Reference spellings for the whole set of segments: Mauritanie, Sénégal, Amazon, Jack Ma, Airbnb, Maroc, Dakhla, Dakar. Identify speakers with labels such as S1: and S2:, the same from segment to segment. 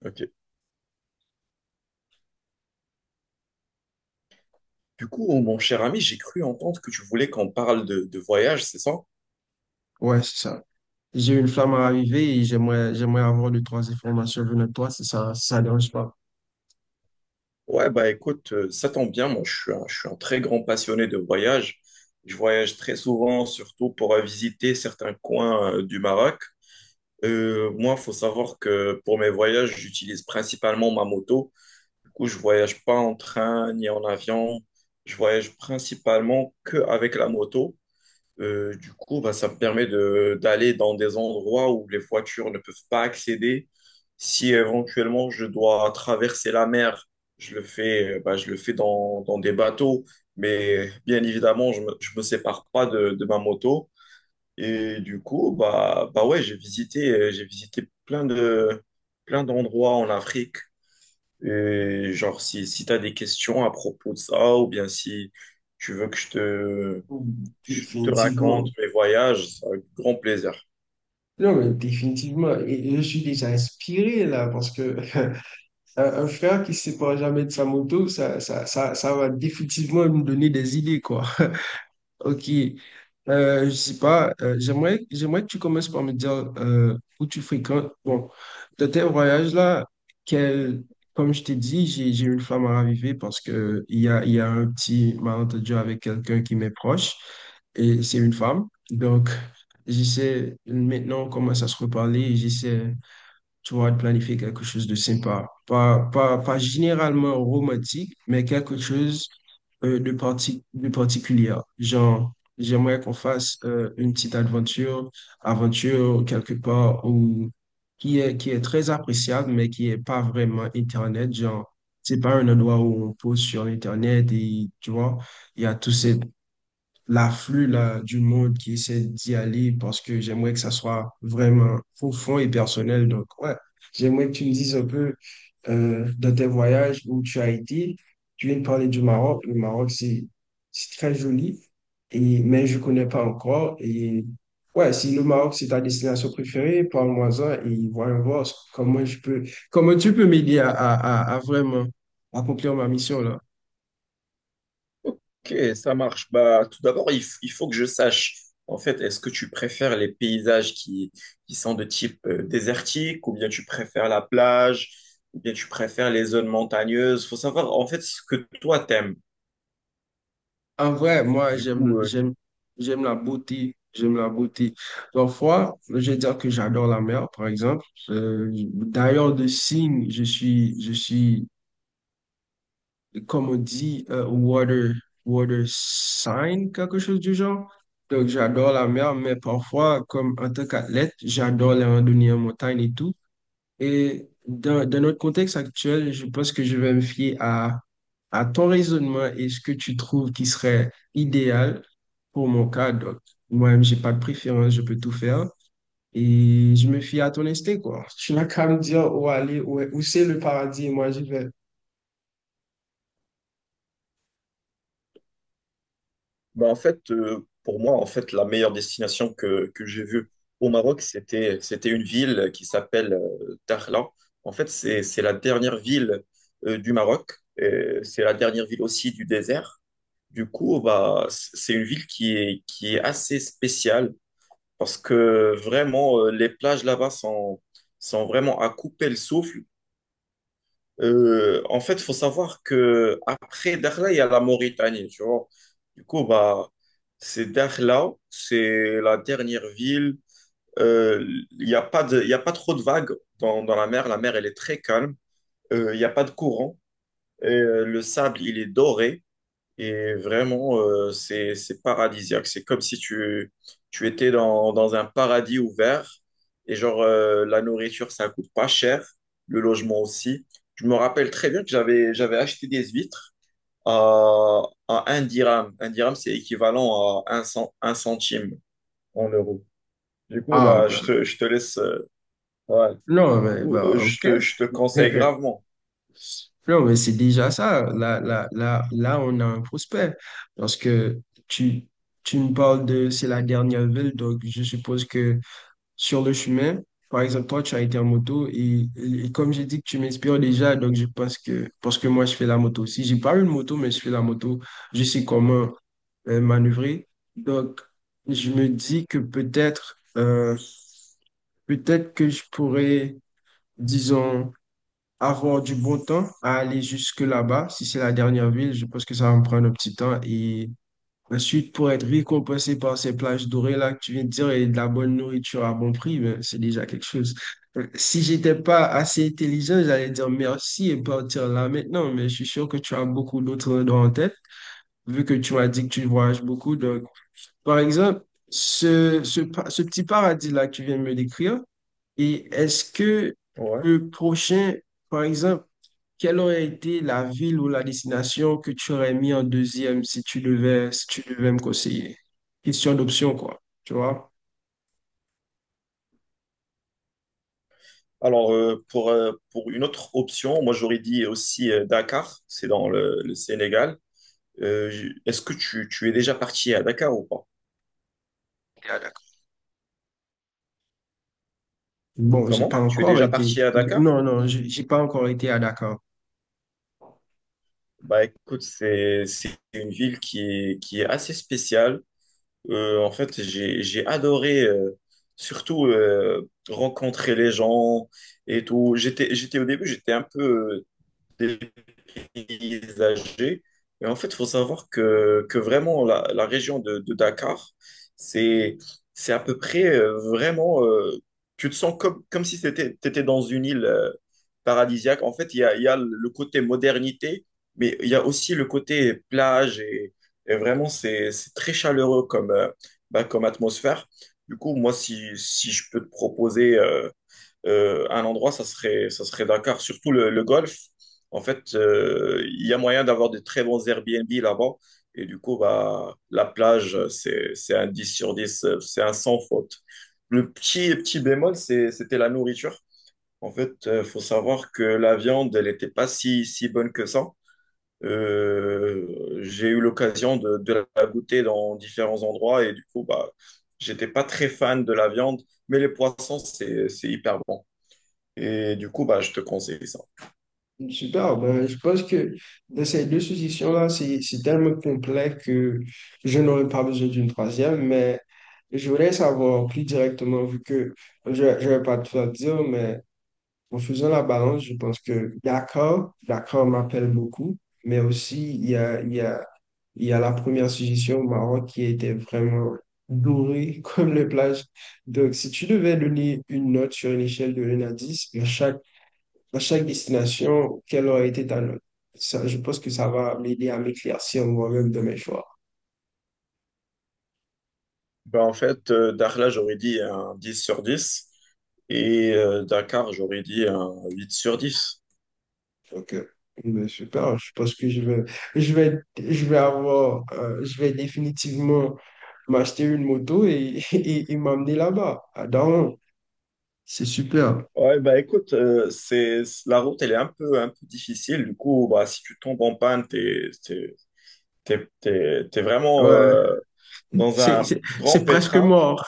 S1: Ok. Du coup, oh, mon cher ami, j'ai cru entendre que tu voulais qu'on parle de voyage, c'est ça?
S2: Ouais, c'est ça. J'ai une flamme à raviver et j'aimerais avoir deux, trois informations venant de toi, si ça dérange pas.
S1: Ouais, bah écoute, ça tombe bien, moi je suis un très grand passionné de voyage. Je voyage très souvent, surtout pour visiter certains coins du Maroc. Moi, il faut savoir que pour mes voyages, j'utilise principalement ma moto. Du coup, je voyage pas en train ni en avion. Je voyage principalement que avec la moto. Du coup, bah, ça me permet de d'aller dans des endroits où les voitures ne peuvent pas accéder. Si éventuellement je dois traverser la mer, je le fais dans des bateaux, mais bien évidemment, je me sépare pas de ma moto. Et du coup, bah ouais, j'ai visité plein d'endroits en Afrique. Et genre, si tu as des questions à propos de ça, ou bien si tu veux que je te raconte
S2: Définitivement.
S1: mes voyages avec grand plaisir.
S2: Non, mais définitivement. Et je suis déjà inspiré là, parce que un frère qui ne se sépare jamais de sa moto, ça va définitivement me donner des idées, quoi. Ok. Je sais pas, j'aimerais que tu commences par me dire où tu fréquentes. Bon, dans tes voyages-là, quel, comme je t'ai dit, j'ai une flamme à raviver parce que il y a un petit malentendu avec quelqu'un qui m'est proche et c'est une femme. Donc, j'essaie, maintenant, on commence à se reparler et j'essaie tu vois, de planifier quelque chose de sympa. Pas généralement romantique, mais quelque chose de particulier. Genre, j'aimerais qu'on fasse une petite aventure, aventure quelque part où, qui est très appréciable, mais qui est pas vraiment Internet. Genre, c'est pas un endroit où on pose sur Internet et tu vois, il y a tous ces, l'afflux là, du monde qui essaie d'y aller parce que j'aimerais que ça soit vraiment profond et personnel. Donc, ouais, j'aimerais que tu me dises un peu dans tes voyages où tu as été. Tu viens de parler du Maroc. Le Maroc, c'est très joli, et, mais je ne connais pas encore. Et ouais, si le Maroc, c'est ta destination préférée, parle-moi-en et voyons voir comment comment tu peux m'aider à vraiment accomplir ma mission là.
S1: Ok, ça marche. Bah, tout d'abord, il faut que je sache, en fait, est-ce que tu préfères les paysages qui sont de type désertique, ou bien tu préfères la plage, ou bien tu préfères les zones montagneuses? Faut savoir, en fait, ce que toi t'aimes.
S2: En vrai, moi,
S1: Du coup, euh,
S2: j'aime la beauté. J'aime la beauté. Parfois, je vais dire que j'adore la mer, par exemple. D'ailleurs, de signe, je suis, comme on dit, water, water sign, quelque chose du genre. Donc, j'adore la mer, mais parfois, comme en tant qu'athlète, j'adore les randonnées en montagne et tout. Et dans notre contexte actuel, je pense que je vais me fier à ton raisonnement et ce que tu trouves qui serait idéal pour mon cas. Donc, moi-même, j'ai pas de préférence, je peux tout faire. Et je me fie à ton instinct, quoi. Tu n'as qu'à me dire où aller, où c'est le paradis, et moi, je vais.
S1: Bah, en fait, pour moi, en fait, la meilleure destination que j'ai vue au Maroc, c'était une ville qui s'appelle Dakhla. En fait, c'est la dernière ville du Maroc. Et c'est la dernière ville aussi du désert. Du coup, bah, c'est une ville qui est, assez spéciale parce que vraiment, les plages là-bas sont vraiment à couper le souffle. En fait, il faut savoir que après Dakhla, il y a la Mauritanie, tu vois. Du coup, bah, c'est Dakhla, c'est la dernière ville. Euh, il y a pas trop de vagues dans la mer. La mer, elle est très calme. Il n'y a pas de courant. Et, le sable, il est doré. Et vraiment, c'est paradisiaque. C'est comme si tu étais dans un paradis ouvert. Et genre, la nourriture, ça coûte pas cher. Le logement aussi. Je me rappelle très bien que j'avais acheté des huîtres à, à un dirham. Un dirham, c'est équivalent à un cent un centime en euros. Du coup,
S2: Ah,
S1: bah, je
S2: ben,
S1: te, je te laisse. Ouais.
S2: non,
S1: Du
S2: mais
S1: coup,
S2: bon,
S1: je
S2: OK.
S1: te, je te conseille gravement.
S2: Non, mais c'est déjà ça. Là, on a un prospect. Parce que tu, tu me parles de c'est la dernière ville, donc je suppose que sur le chemin. Par exemple, toi, tu as été en moto et comme j'ai dit que tu m'inspires déjà, donc je pense que, parce que moi, je fais la moto. Si j'ai pas une moto, mais je fais la moto, je sais comment manœuvrer. Donc, je me dis que peut-être que je pourrais, disons, avoir du bon temps à aller jusque là-bas. Si c'est la dernière ville, je pense que ça va me prendre un petit temps et ensuite, pour être récompensé par ces plages dorées là que tu viens de dire et de la bonne nourriture à bon prix, ben, c'est déjà quelque chose. Si j'étais pas assez intelligent, j'allais dire merci et partir là maintenant, mais je suis sûr que tu as beaucoup d'autres endroits en tête, vu que tu m'as dit que tu voyages beaucoup. Donc, par exemple, ce petit paradis là que tu viens de me décrire, et est-ce que
S1: Ouais.
S2: le prochain, par exemple, quelle aurait été la ville ou la destination que tu aurais mis en deuxième si tu devais me conseiller? Question d'option, quoi. Tu vois?
S1: Alors, pour une autre option, moi j'aurais dit aussi Dakar, c'est dans le Sénégal. Est-ce que tu es déjà parti à Dakar ou pas?
S2: Et à bon, j'ai pas
S1: Comment? Tu es
S2: encore
S1: déjà
S2: été.
S1: parti à Dakar?
S2: Non, non, j'ai pas encore été à Dakar.
S1: Bah écoute, c'est une ville qui est assez spéciale. En fait, j'ai adoré surtout rencontrer les gens et tout. J'étais au début, j'étais un peu euh, paysagers. Et en fait, il faut savoir que vraiment, la région de Dakar, c'est, c'est à peu près vraiment, tu te sens comme si t'étais dans une île paradisiaque. En fait, il y a le côté modernité, mais il y a aussi le côté plage et vraiment, c'est très chaleureux comme atmosphère. Du coup, moi, si je peux te proposer un endroit, ça serait Dakar, surtout le golf. En fait, il y a moyen d'avoir de très bons Airbnb là-bas. Et du coup, bah, la plage, c'est un 10/10, c'est un sans faute. Le petit bémol, c'était la nourriture. En fait, il faut savoir que la viande, elle n'était pas si bonne que ça. J'ai eu l'occasion de la goûter dans différents endroits et du coup, bah, j'étais pas très fan de la viande, mais les poissons, c'est hyper bon. Et du coup, bah, je te conseille ça.
S2: Super, ben, je pense que dans ces deux suggestions-là, c'est tellement complet que je n'aurais pas besoin d'une troisième, mais je voudrais savoir plus directement, vu que je ne vais pas tout dire, mais en faisant la balance, je pense que d'accord m'appelle beaucoup, mais aussi il y a la première suggestion au Maroc qui était vraiment dorée comme les plages. Donc, si tu devais donner une note sur une échelle de un à 10 à chaque destination, quelle aurait été ta note? Ça, je pense que ça va m'aider à m'éclaircir moi-même de mes choix.
S1: Bah, en fait, Dakhla, j'aurais dit un 10/10, et Dakar, j'aurais dit un 8/10.
S2: Ok. Ben, super, je pense que je vais avoir, je vais définitivement m'acheter une moto et, et m'emmener là-bas, à Daron. C'est super.
S1: Ouais, bah écoute, la route, elle est un peu difficile. Du coup, bah, si tu tombes en panne, t'es vraiment
S2: Ouais,
S1: dans un grand
S2: c'est presque
S1: pétrin.
S2: mort.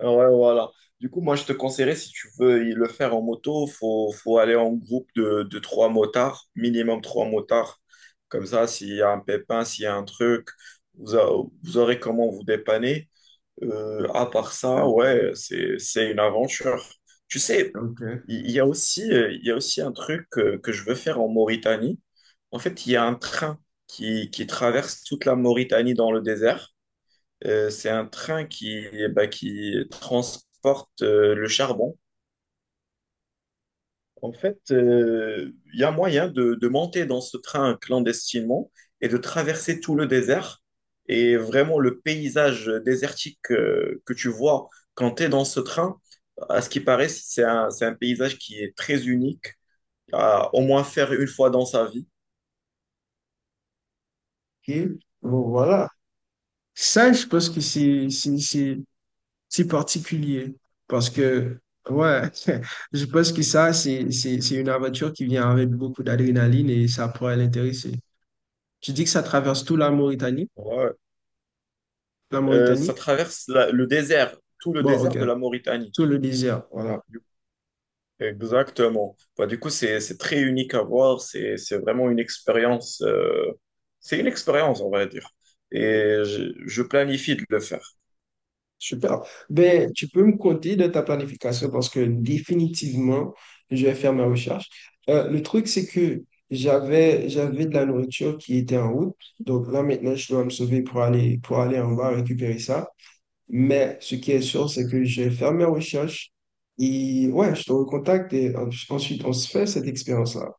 S1: Ouais, voilà. Du coup, moi, je te conseillerais, si tu veux y le faire en moto, faut aller en groupe de trois motards, minimum trois motards. Comme ça, s'il y a un pépin, s'il y a un truc, vous, a- vous aurez comment vous dépanner. À part ça,
S2: Ok.
S1: ouais, c'est une aventure. Tu sais, il y a aussi, il y a aussi un truc que je veux faire en Mauritanie. En fait, il y a un train qui traverse toute la Mauritanie dans le désert. C'est un train qui transporte le charbon. En fait, il y a moyen de monter dans ce train clandestinement et de traverser tout le désert. Et vraiment, le paysage désertique que tu vois quand tu es dans ce train, à ce qui paraît, c'est un paysage qui est très unique à au moins faire une fois dans sa vie.
S2: Ok. Bon, voilà. Ça, je pense que c'est particulier parce que, ouais, je pense que ça, c'est une aventure qui vient avec beaucoup d'adrénaline et ça pourrait l'intéresser. Tu dis que ça traverse tout la Mauritanie?
S1: Ouais.
S2: La Mauritanie?
S1: Ça traverse le désert, tout le
S2: Bon, ok.
S1: désert de la Mauritanie.
S2: Tout le désert, voilà.
S1: Exactement. Bah, du coup, c'est très unique à voir. C'est vraiment une expérience. C'est une expérience, on va dire. Et je planifie de le faire.
S2: Super. Ben, tu peux me compter de ta planification parce que définitivement, je vais faire ma recherche. Le truc, c'est que j'avais de la nourriture qui était en route. Donc là, maintenant, je dois me sauver pour aller en bas récupérer ça. Mais ce qui est sûr, c'est que je vais faire mes recherches. Et ouais, je te recontacte et ensuite, on se fait cette expérience-là.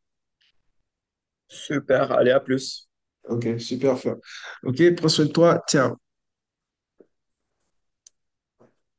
S1: Super. Allez, à plus.
S2: Ok, super, fort. Ok, prends soin de toi. Tiens.